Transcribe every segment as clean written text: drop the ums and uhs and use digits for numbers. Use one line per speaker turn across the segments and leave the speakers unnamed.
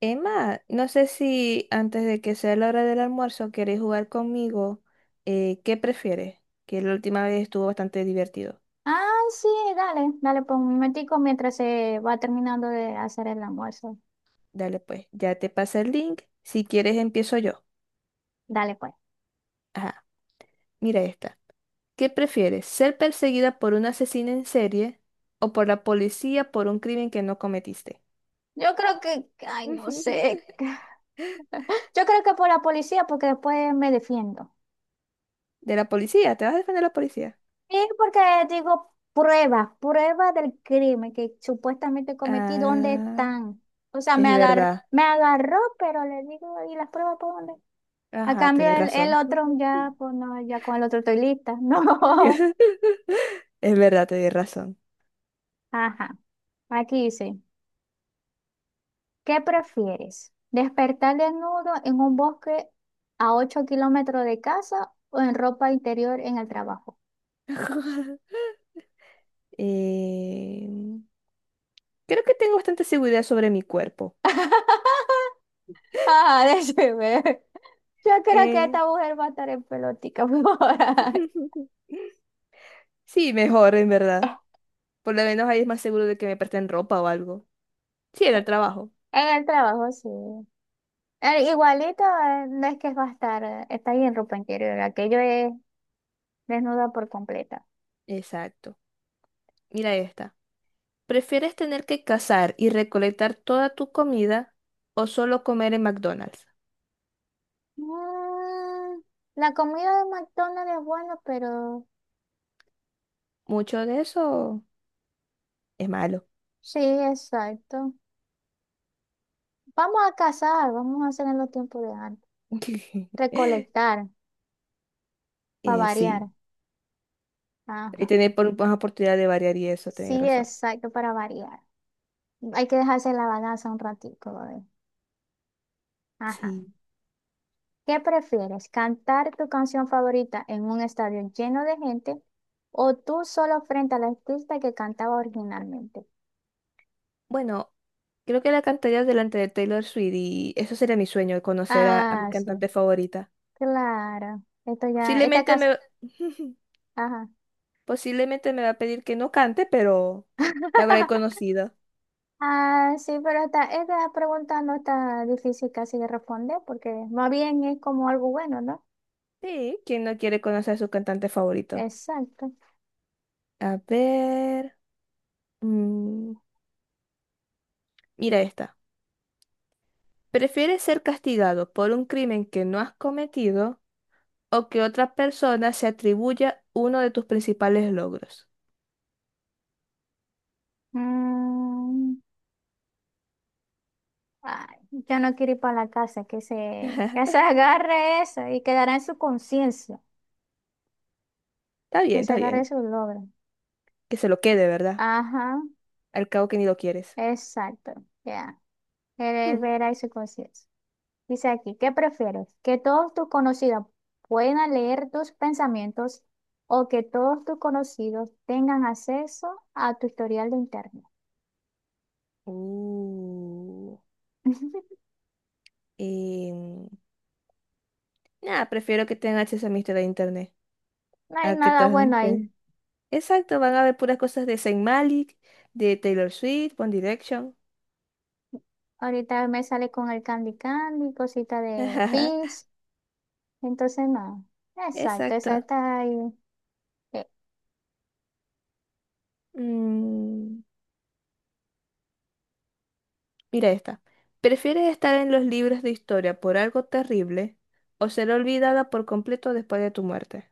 Emma, no sé si antes de que sea la hora del almuerzo queréis jugar conmigo. ¿Qué prefieres? Que la última vez estuvo bastante divertido.
Ah, sí, dale, dale, pues un momentico mientras se va terminando de hacer el almuerzo.
Dale pues, ya te pasé el link. Si quieres empiezo yo.
Dale, pues.
Ajá, mira esta. ¿Qué prefieres? ¿Ser perseguida por un asesino en serie o por la policía por un crimen que no cometiste?
Yo creo que, ay, no sé. Yo creo que por la policía, porque después me defiendo.
De la policía, ¿te vas a defender de la policía?
Y porque digo pruebas, pruebas del crimen que supuestamente cometí, ¿dónde
Ah,
están? O sea,
es verdad.
me agarró, pero le digo, ¿y las pruebas por dónde? A
Ajá,
cambio,
tenés
el
razón.
otro ya, pues no, ya con el otro estoy lista. No.
Es verdad, tenés razón.
Ajá, aquí sí. ¿Qué prefieres? ¿Despertar desnudo en un bosque a 8 kilómetros de casa o en ropa interior en el trabajo?
Eh, Creo que tengo bastante seguridad sobre mi cuerpo.
Ah, déjeme. Yo creo que
Eh,
esta mujer va a estar en pelotica por ahí.
sí, mejor, en verdad. Por lo menos ahí es más seguro de que me presten ropa o algo. Sí, en el trabajo.
En el trabajo, sí. Igualito, no es que va a estar, está ahí en ropa interior. Aquello es desnuda por completa.
Exacto. Mira esta. ¿Prefieres tener que cazar y recolectar toda tu comida o solo comer en McDonald's?
Mm, la comida de McDonald's es buena, pero
Mucho de eso es malo.
sí, exacto. Vamos a cazar, vamos a hacer en los tiempos de antes. Recolectar, para
Sí,
variar.
y
Ajá.
tener más oportunidad de variar y eso, tenés
Sí,
razón.
exacto, para variar. Hay que dejarse la balanza un ratito, ¿vale? Ajá.
Sí.
¿Qué prefieres? ¿Cantar tu canción favorita en un estadio lleno de gente o tú solo frente al artista que cantaba originalmente?
Bueno, creo que la cantaría delante de Taylor Swift y eso sería mi sueño, conocer a mi
Ah, sí,
cantante favorita.
claro. Esto ya, esta
Posiblemente
casa.
me,
Ajá.
posiblemente me va a pedir que no cante, pero la habré conocido.
Ah, sí, pero esta pregunta no está difícil casi de responder porque más bien es como algo bueno, ¿no?
Sí, ¿quién no quiere conocer a su cantante favorito?
Exacto.
A ver, mm, mira esta. ¿Prefieres ser castigado por un crimen que no has cometido o que otra persona se atribuya uno de tus principales logros?
Mm, ay, yo no quiero ir para la casa, que se,
Está
que se agarre eso y quedará en su conciencia,
bien,
que se
está
agarre
bien.
su logro.
Que se lo quede, ¿verdad?
Ajá,
Al cabo que ni lo quieres.
exacto, ya. Él
Hmm.
verá y su conciencia. Dice aquí, ¿qué prefieres? ¿Que todos tus conocidos puedan leer tus pensamientos o que todos tus conocidos tengan acceso a tu historial de internet?
Uh, em, nah, Prefiero que tengan acceso a mi historia de internet.
No hay
A que
nada
todas
bueno
las
ahí.
ven. Exacto, van a ver puras cosas de Saint Malik, de Taylor Swift, One Direction.
Ahorita me sale con el Candy Candy, cosita de Pinch. Entonces, no. Exacto,
Exacto.
exacto. Ay, eh,
Mm, mira esta. ¿Prefieres estar en los libros de historia por algo terrible o ser olvidada por completo después de tu muerte?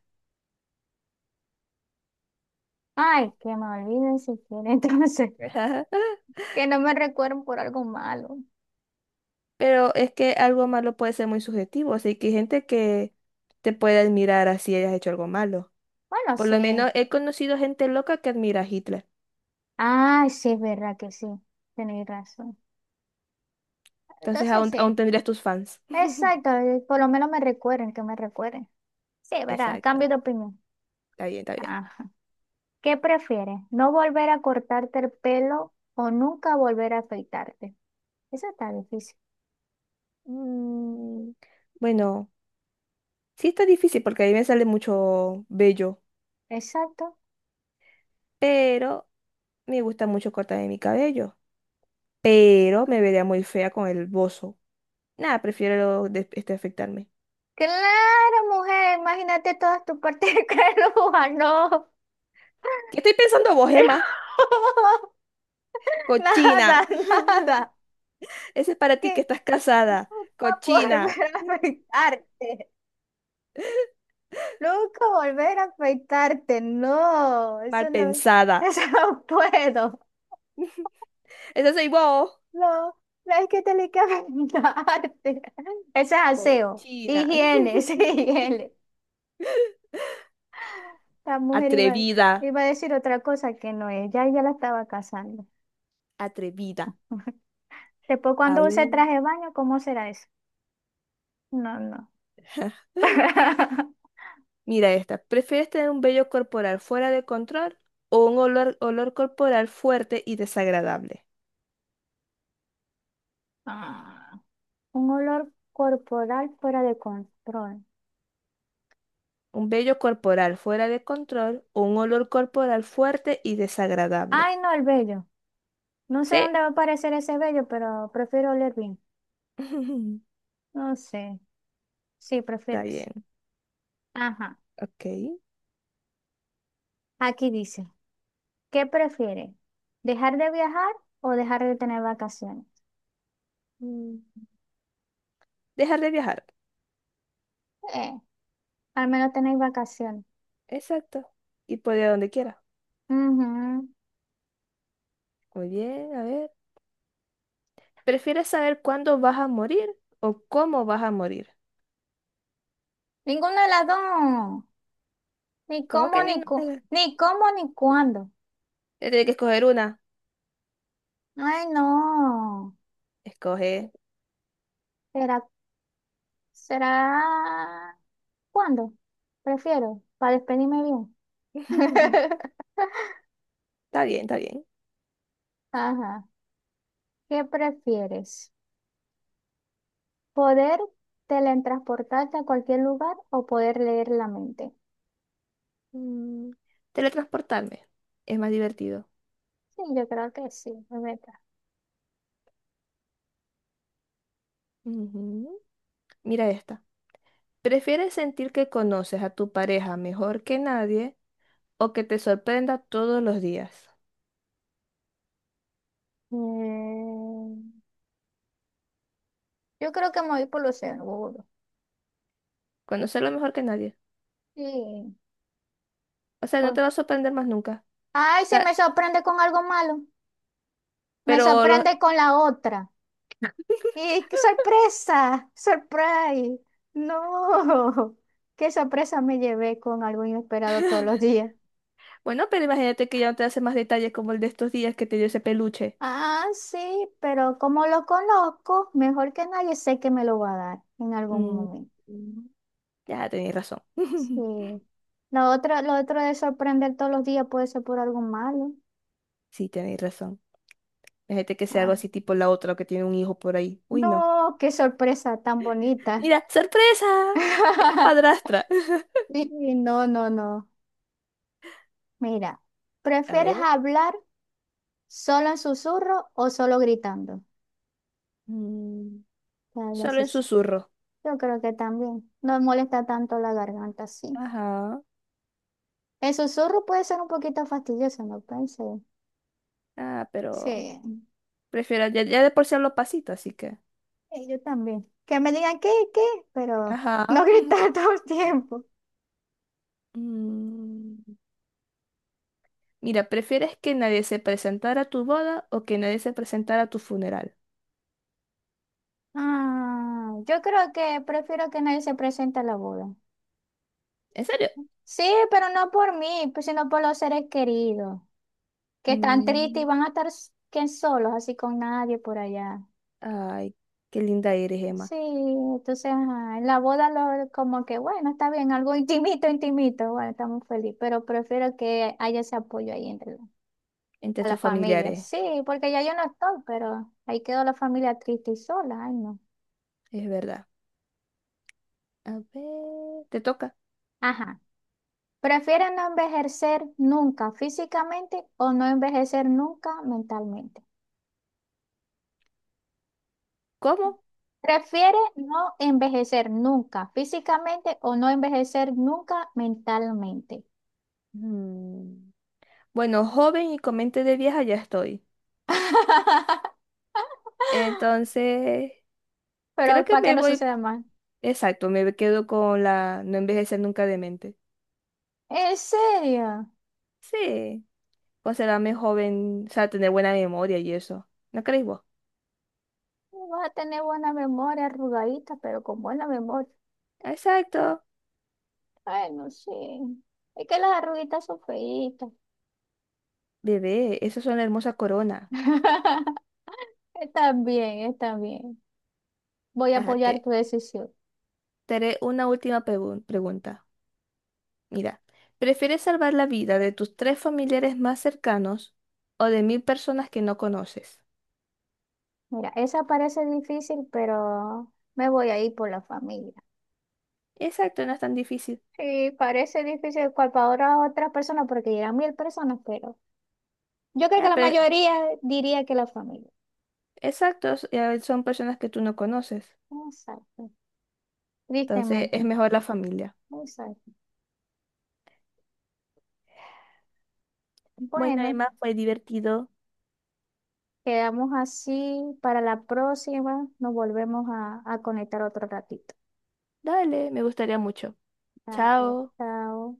ay, que me olviden si quieren. Entonces, que no me recuerden por algo malo.
Pero es que algo malo puede ser muy subjetivo, así que hay gente que te puede admirar así hayas hecho algo malo.
Bueno,
Por lo
sí.
menos he conocido gente loca que admira a Hitler.
Ay, sí, es verdad que sí. Tenéis razón.
Entonces
Entonces,
aún,
sí.
aún tendrías tus fans.
Exacto, por lo menos me recuerden, que me recuerden. Sí, ¿verdad?
Exacto.
Cambio de opinión.
Está bien, está bien.
Ajá. ¿Qué prefieres? ¿No volver a cortarte el pelo o nunca volver a afeitarte? Eso está difícil.
Mm, bueno, sí está difícil porque a mí me sale mucho bello,
Exacto.
pero me gusta mucho cortarme mi cabello. Pero me vería muy fea con el bozo. Nada, prefiero este afectarme.
Claro, mujer, imagínate todas tus partes de peluda, no.
¿Qué estoy pensando vos, Emma? Cochina.
Nada, nada.
Ese es para
Que
ti que estás casada,
nunca
cochina,
volver a afeitarte. Nunca volver a afeitarte, no.
mal
Eso no,
pensada.
eso no puedo.
Ese soy vos,
No, no es que tenés que bañarte. Ese es aseo.
cochina.
Higiene, ese es higiene. La mujer iba,
Atrevida,
iba a decir otra cosa que no es. Ya ella la estaba casando.
atrevida.
Después,
A
cuando use
ver.
traje de baño, ¿cómo será eso? No, no.
Mira esta. ¿Prefieres tener un vello corporal fuera de control o un olor corporal fuerte y desagradable?
Ah, un olor corporal fuera de control.
Un vello corporal fuera de control o un olor corporal fuerte y desagradable.
Ay, no, el vello. No sé
¿Sí?
dónde va a aparecer ese vello, pero prefiero oler bien. No sé. Sí, prefiero
Está
eso.
bien.
Ajá.
Ok.
Aquí dice. ¿Qué prefieres? ¿Dejar de viajar o dejar de tener vacaciones?
Mm. Dejar de viajar.
Eh, al menos tenéis vacaciones.
Exacto. Y puede ir a donde quiera.
Ujú.
Muy bien, a ver. ¿Prefieres saber cuándo vas a morir o cómo vas a morir?
Ninguna de las dos. Ni
¿Cómo
cómo,
que ninguna?
ni cómo, ni cuándo.
Tienes que escoger una.
Ay, no.
Escoge.
¿Será, será cuándo? Prefiero, para despedirme bien.
Está bien, está bien.
Ajá. ¿Qué prefieres? ¿Poder teletransportarte a cualquier lugar o poder leer la mente?
Mm, teletransportarme. Es más divertido.
Sí, yo creo que sí.
Ujú. Mira esta. ¿Prefieres sentir que conoces a tu pareja mejor que nadie o que te sorprenda todos los días?
Mm, yo creo que me voy por lo seguro.
Conocerlo mejor que nadie.
Sí,
O sea, no
pues.
te va a sorprender más nunca.
Ay,
O
sí,
sea,
me sorprende con algo malo. Me
pero
sorprende con la otra. ¡Y qué sorpresa! ¡Surprise! ¡No! ¡Qué sorpresa me llevé con algo inesperado todos los días!
bueno, pero imagínate que ya no te hace más detalles como el de estos días que te dio ese peluche.
Ah, sí, pero como lo conozco, mejor que nadie sé que me lo va a dar en algún
Mm,
momento.
mm, ya tenéis razón.
Sí. Lo otro de sorprender todos los días puede ser por algo malo.
Sí, tenéis razón. Imagínate que sea algo
Ajá.
así tipo la otra que tiene un hijo por ahí. Uy, no.
No, qué sorpresa tan bonita.
Mira, sorpresa. Es mi madrastra.
Sí, no, no, no. Mira,
A
¿prefieres
ver.
hablar solo en susurro o solo gritando?
Mm,
Te hablas
solo en
sus-
susurro.
Yo creo que también. No molesta tanto la garganta, sí.
Ajá.
El susurro puede ser un poquito fastidioso, no pensé.
Ah, pero
Sí,
prefiero ya de por sí los pasitos, así que.
y yo también. Que me digan qué, pero
Ajá.
no gritar todo el tiempo.
Mm, mira, ¿prefieres que nadie se presentara a tu boda o que nadie se presentara a tu funeral?
Ah, yo creo que prefiero que nadie se presente a la boda.
¿En serio?
Sí, pero no por mí, pues, sino por los seres queridos, que están tristes y
Mm,
van a estar que solos, así con nadie por allá.
ay, qué linda eres,
Sí,
Emma.
entonces, ajá, en la boda lo, como que, bueno, está bien, algo intimito, intimito, bueno, estamos felices, pero prefiero que haya ese apoyo ahí
Entre
a la
tus
familia.
familiares,
Sí, porque ya yo no estoy, pero ahí quedó la familia triste y sola, ay no.
es verdad. A ver, te toca.
Ajá. ¿Prefieren no envejecer nunca físicamente o no envejecer nunca mentalmente?
¿Cómo?
Prefiere no envejecer nunca físicamente o no envejecer nunca mentalmente.
Mm, bueno, joven y con mente de vieja ya estoy. Entonces,
Pero
creo que
para que
me
no
voy,
suceda más.
exacto, me quedo con la no envejecer nunca de mente.
¿En serio?
Sí, considerarme joven, o sea, tener buena memoria y eso. ¿No creéis vos?
Vas a tener buena memoria, arrugadita, pero con buena memoria.
Exacto.
Ay, no sé. Es que las arruguitas son feitas.
Bebé, eso es una hermosa corona.
Está bien, está bien. Voy a
Ajá,
apoyar tu decisión.
te haré una última pregunta. Mira, ¿prefieres salvar la vida de tus tres familiares más cercanos o de 1.000 personas que no conoces?
Mira, esa parece difícil, pero me voy a ir por la familia.
Exacto, no es tan difícil.
Sí, parece difícil cual para otras personas porque llegan 1000 personas, pero yo creo que
Ya,
la
pero
mayoría diría que la familia.
exactos son personas que tú no conoces.
Exacto.
Entonces es
Tristemente.
mejor la familia.
Exacto.
Bueno,
Bueno,
Emma, fue divertido.
quedamos así para la próxima. Nos volvemos a conectar otro ratito.
Dale, me gustaría mucho.
Dale,
Chao.
chao.